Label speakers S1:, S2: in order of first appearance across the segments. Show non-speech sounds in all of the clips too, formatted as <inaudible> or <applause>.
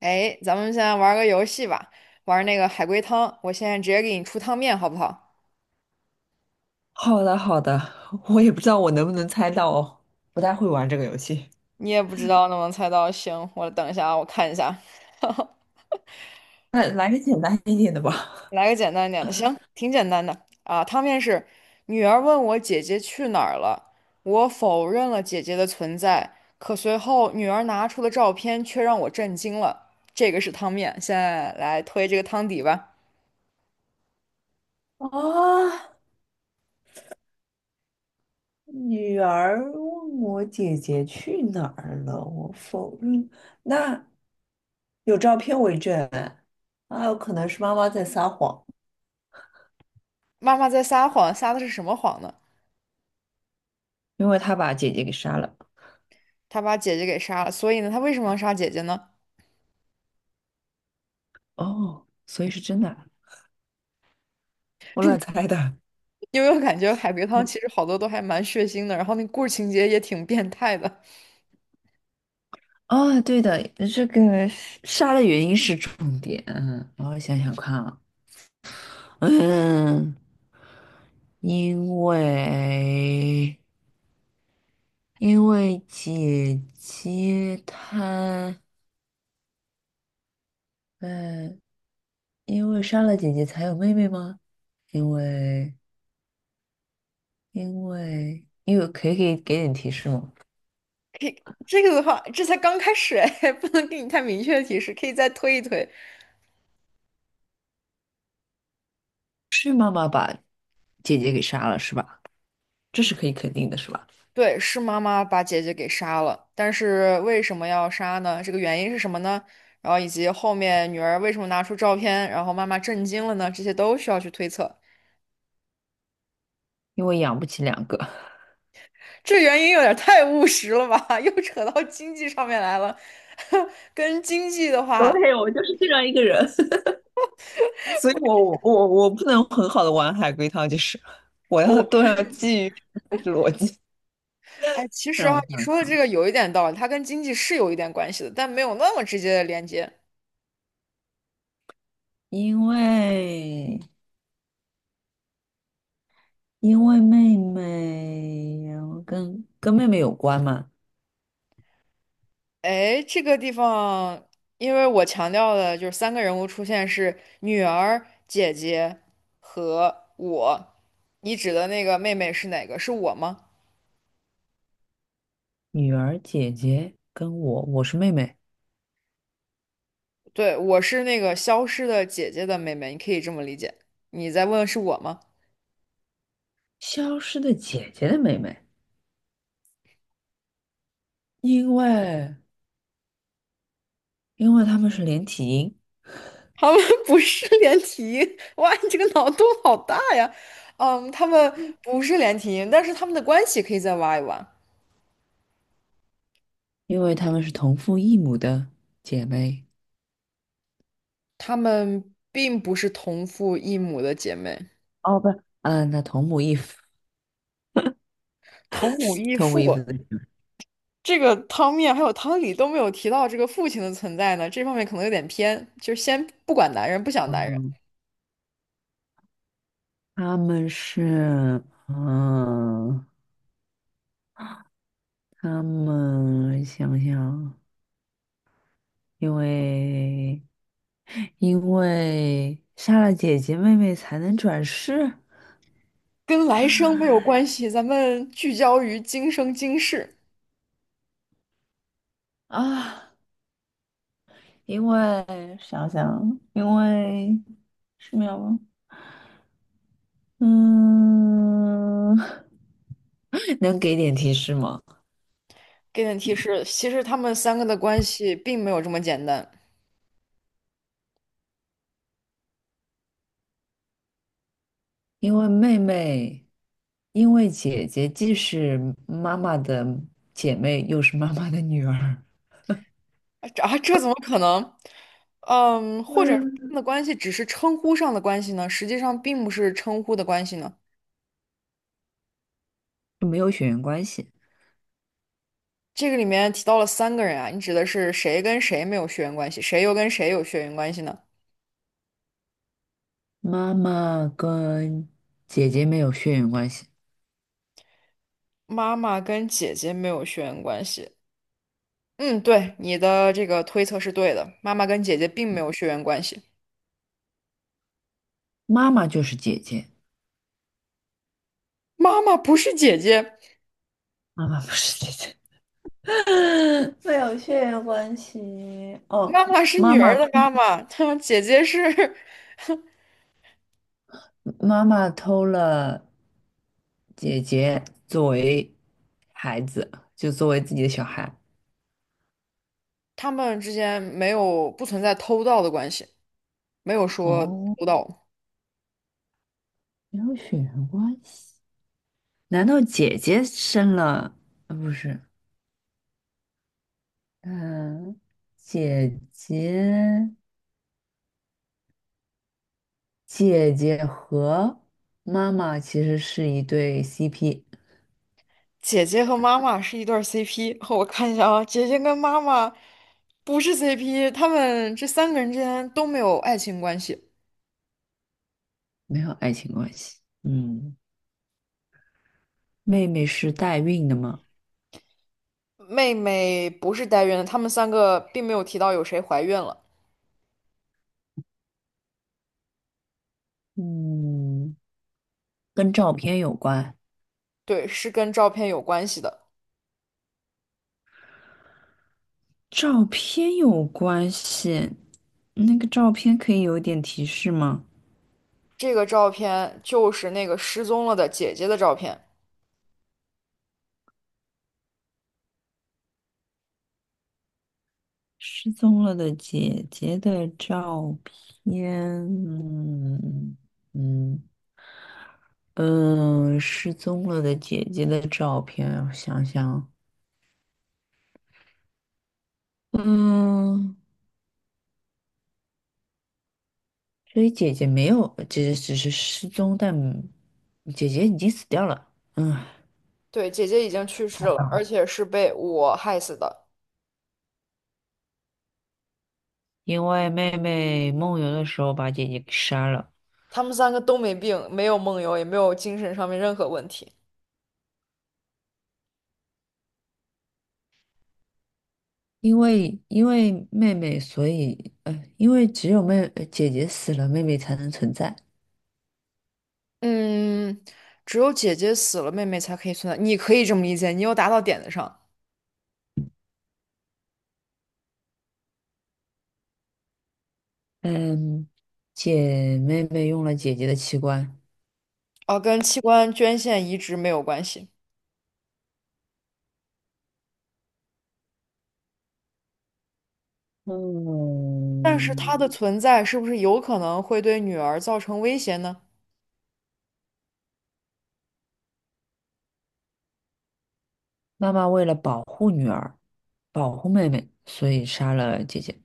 S1: 哎，咱们现在玩个游戏吧，玩那个海龟汤。我现在直接给你出汤面，好不好？
S2: 好的，好的，我也不知道我能不能猜到哦，不太会玩这个游戏。
S1: 你也不知道能不能猜到，行，我等一下啊，我看一下，<laughs>
S2: 那来个简单一点的吧。
S1: 来个简单一点的，行，挺简单的啊。汤面是：女儿问我姐姐去哪儿了，我否认了姐姐的存在，可随后女儿拿出的照片却让我震惊了。这个是汤面，现在来推这个汤底吧。
S2: <laughs> 啊，女儿问我姐姐去哪儿了，我否认。那有照片为证，啊，有可能是妈妈在撒谎。
S1: 妈妈在撒谎，撒的是什么谎呢？
S2: 因为她把姐姐给杀了，
S1: 她把姐姐给杀了，所以呢，她为什么要杀姐姐呢？
S2: 哦，所以是真的啊，我乱猜的。<laughs>
S1: 因为我感觉海龟汤
S2: 嗯，
S1: 其实好多都还蛮血腥的，然后那故事情节也挺变态的。
S2: 哦，对的，这个杀的原因是重点。嗯，然后想想看啊，嗯。因为因为姐姐她，嗯，因为杀了姐姐才有妹妹吗？因为可以给点提示吗？
S1: 可以，这个的话，这才刚开始哎，<laughs> 不能给你太明确的提示，可以再推一推。
S2: 是妈妈把姐姐给杀了是吧？这是可以肯定的是吧？
S1: 对，是妈妈把姐姐给杀了，但是为什么要杀呢？这个原因是什么呢？然后以及后面女儿为什么拿出照片，然后妈妈震惊了呢？这些都需要去推测。
S2: 因为养不起两个。
S1: 这原因有点太务实了吧？<laughs> 又扯到经济上面来了，<laughs> 跟经济的话。
S2: 对，我就是这样一个人，<laughs> 所以我不能很好的玩海龟汤，就是我
S1: 我
S2: 要基于就是逻辑，
S1: 哎，其实
S2: 让
S1: 啊，
S2: 我
S1: 你说的
S2: 想，
S1: 这个有一点道理，它跟经济是有一点关系的，但没有那么直接的连接。
S2: 因为。因为妹妹，然后跟妹妹有关嘛，
S1: 哎，这个地方，因为我强调的就是三个人物出现是女儿、姐姐和我。你指的那个妹妹是哪个？是我吗？
S2: 女儿姐姐跟我，我是妹妹，
S1: 对，我是那个消失的姐姐的妹妹，你可以这么理解。你再问是我吗？
S2: 消失的姐姐的妹妹，因为因为她们是连体婴，
S1: 他们 <laughs> 不是连体婴，哇，你这个脑洞好大呀！嗯，他们不是连体婴，但是他们的关系可以再挖一挖。
S2: 因为她们是同父异母的姐妹，
S1: 她们并不是同父异母的姐妹，
S2: 哦，不是，嗯，那同母异父，
S1: 同母异
S2: 同母异
S1: 父。
S2: 父的，
S1: 这个汤面还有汤里都没有提到这个父亲的存在呢，这方面可能有点偏。就是先不管男人，不想男人，
S2: 嗯，她们是，嗯，她们想想，因为因为杀了姐姐妹妹才能转世。
S1: 跟来生没有
S2: <laughs>
S1: 关系，咱们聚焦于今生今世。
S2: 啊，因为想想，因为是秒吗？嗯，<laughs> 能给点提示吗？
S1: 给点提示，其实他们三个的关系并没有这么简单
S2: 因为妹妹，因为姐姐既是妈妈的姐妹，又是妈妈的女儿，
S1: 啊！这啊这怎么可能？嗯，或者他
S2: 嗯，
S1: 们的关系只是称呼上的关系呢？实际上并不是称呼的关系呢。
S2: 没有血缘关系。
S1: 这个里面提到了三个人啊，你指的是谁跟谁没有血缘关系，谁又跟谁有血缘关系呢？
S2: 妈妈跟姐姐没有血缘关系，
S1: 妈妈跟姐姐没有血缘关系。嗯，对，你的这个推测是对的，妈妈跟姐姐并没有血缘关系。
S2: 妈妈就是姐姐，
S1: 妈妈不是姐姐，
S2: 妈妈不是姐姐。<laughs> 没有血缘关系。哦，
S1: 妈妈是
S2: 妈
S1: 女
S2: 妈
S1: 儿
S2: 偷，
S1: 的妈妈，<laughs> 她姐姐是，
S2: 妈妈偷了姐姐作为孩子，就作为自己的小孩。
S1: <laughs> 他们之间没有不存在偷盗的关系，没有说
S2: 哦，
S1: 偷盗。
S2: 没有血缘关系？难道姐姐生了？呃，不是，嗯、姐姐，姐姐和妈妈其实是一对 CP，
S1: 姐姐和妈妈是一对儿 CP，<laughs> 我看一下啊，姐姐跟妈妈不是 CP，他们这三个人之间都没有爱情关系。
S2: 没有爱情关系。嗯，妹妹是代孕的吗？
S1: 妹妹不是代孕的，他们三个并没有提到有谁怀孕了。
S2: 嗯。跟照片有关。
S1: 对，是跟照片有关系的。
S2: 照片有关系，那个照片可以有一点提示吗？
S1: 这个照片就是那个失踪了的姐姐的照片。
S2: 失踪了的姐姐的照片，嗯嗯嗯，失踪了的姐姐的照片，我想想，嗯，所以姐姐没有，姐姐只是失踪，但姐姐已经死掉了。嗯，
S1: 对，姐姐已经去世了，而且是被我害死的。
S2: 因为妹妹梦游的时候把姐姐给杀了。
S1: 他们三个都没病，没有梦游，也没有精神上面任何问题。
S2: 因为妹妹，所以因为只有姐姐死了，妹妹才能存在。
S1: 嗯，只有姐姐死了，妹妹才可以存在。你可以这么理解，你又答到点子上。
S2: 嗯，妹妹用了姐姐的器官。
S1: 啊，跟器官捐献移植没有关系，但是它的
S2: 嗯，
S1: 存在是不是有可能会对女儿造成威胁呢？
S2: 妈妈为了保护女儿，保护妹妹，所以杀了姐姐。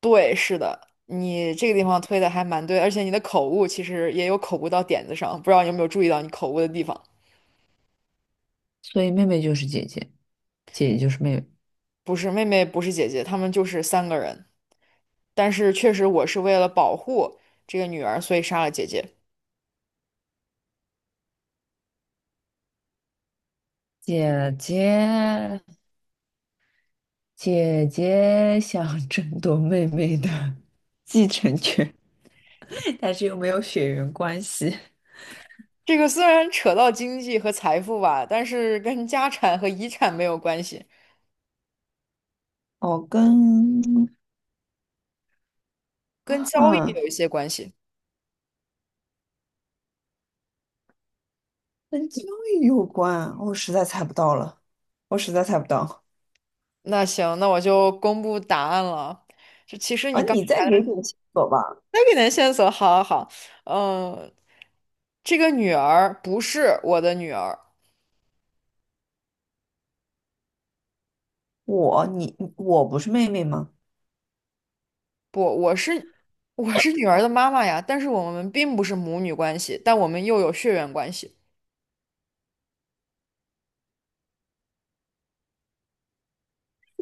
S1: 对，是的，你这个地方推的还蛮对，而且你的口误其实也有口误到点子上，不知道你有没有注意到你口误的地方？
S2: 所以妹妹就是姐姐，姐姐就是妹妹。
S1: 不是妹妹，不是姐姐，她们就是三个人。但是确实，我是为了保护这个女儿，所以杀了姐姐。
S2: 姐姐姐姐想争夺妹妹的继承权，<laughs> 但是又没有血缘关系。
S1: 这个虽然扯到经济和财富吧，但是跟家产和遗产没有关系，
S2: 哦，跟
S1: 跟交易
S2: 嗯，
S1: 有一些关系。
S2: 跟教育有关，我实在猜不到了，我实在猜不到。
S1: 那行，那我就公布答案了。就其实
S2: 啊！
S1: 你刚
S2: 你再
S1: 才的
S2: 给点线索吧。
S1: 那给点线索，好好好，嗯，这个女儿不是我的女儿，
S2: 我，你，我不是妹妹吗？
S1: 不，我是我是女儿的妈妈呀，但是我们并不是母女关系，但我们又有血缘关系。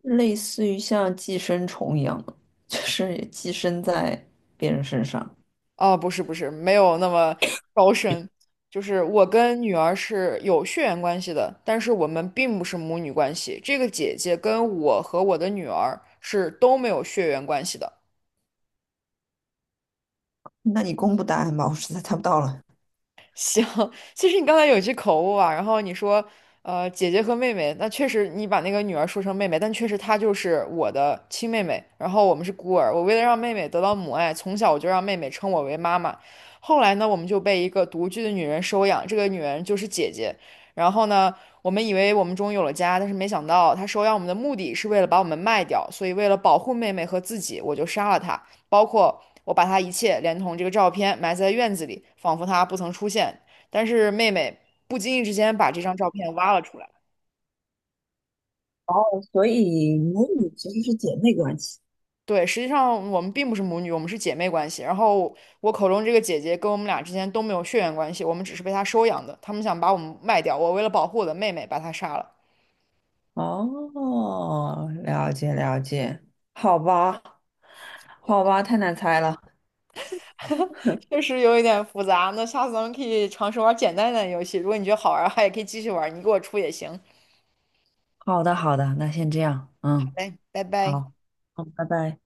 S2: 类似于像寄生虫一样的，就是也寄生在别人身上。
S1: 啊，不是，没有那么高深。就是我跟女儿是有血缘关系的，但是我们并不是母女关系。这个姐姐跟我和我的女儿是都没有血缘关系的。
S2: 那你公布答案吧，我实在猜不到了。
S1: 行，<laughs> 其实你刚才有一句口误啊，然后你说，姐姐和妹妹，那确实你把那个女儿说成妹妹，但确实她就是我的亲妹妹，然后我们是孤儿。我为了让妹妹得到母爱，从小我就让妹妹称我为妈妈。后来呢，我们就被一个独居的女人收养，这个女人就是姐姐。然后呢，我们以为我们终于有了家，但是没想到她收养我们的目的是为了把我们卖掉，所以为了保护妹妹和自己，我就杀了她。包括我把他一切连同这个照片埋在院子里，仿佛他不曾出现。但是妹妹不经意之间把这张照片挖了出来。
S2: 所以母女其实是姐妹关系。
S1: 对，实际上我们并不是母女，我们是姐妹关系。然后我口中这个姐姐跟我们俩之间都没有血缘关系，我们只是被她收养的。他们想把我们卖掉，我为了保护我的妹妹，把她杀了。
S2: 哦，了解了解，好吧，好吧，太难猜了。
S1: 确实有一点复杂，那下次咱们可以尝试玩简单一点的游戏。如果你觉得好玩儿的话，也可以继续玩儿你给我出也行。好
S2: 好的好的，那先这样，嗯，
S1: 嘞，拜拜。
S2: 好，好，拜拜。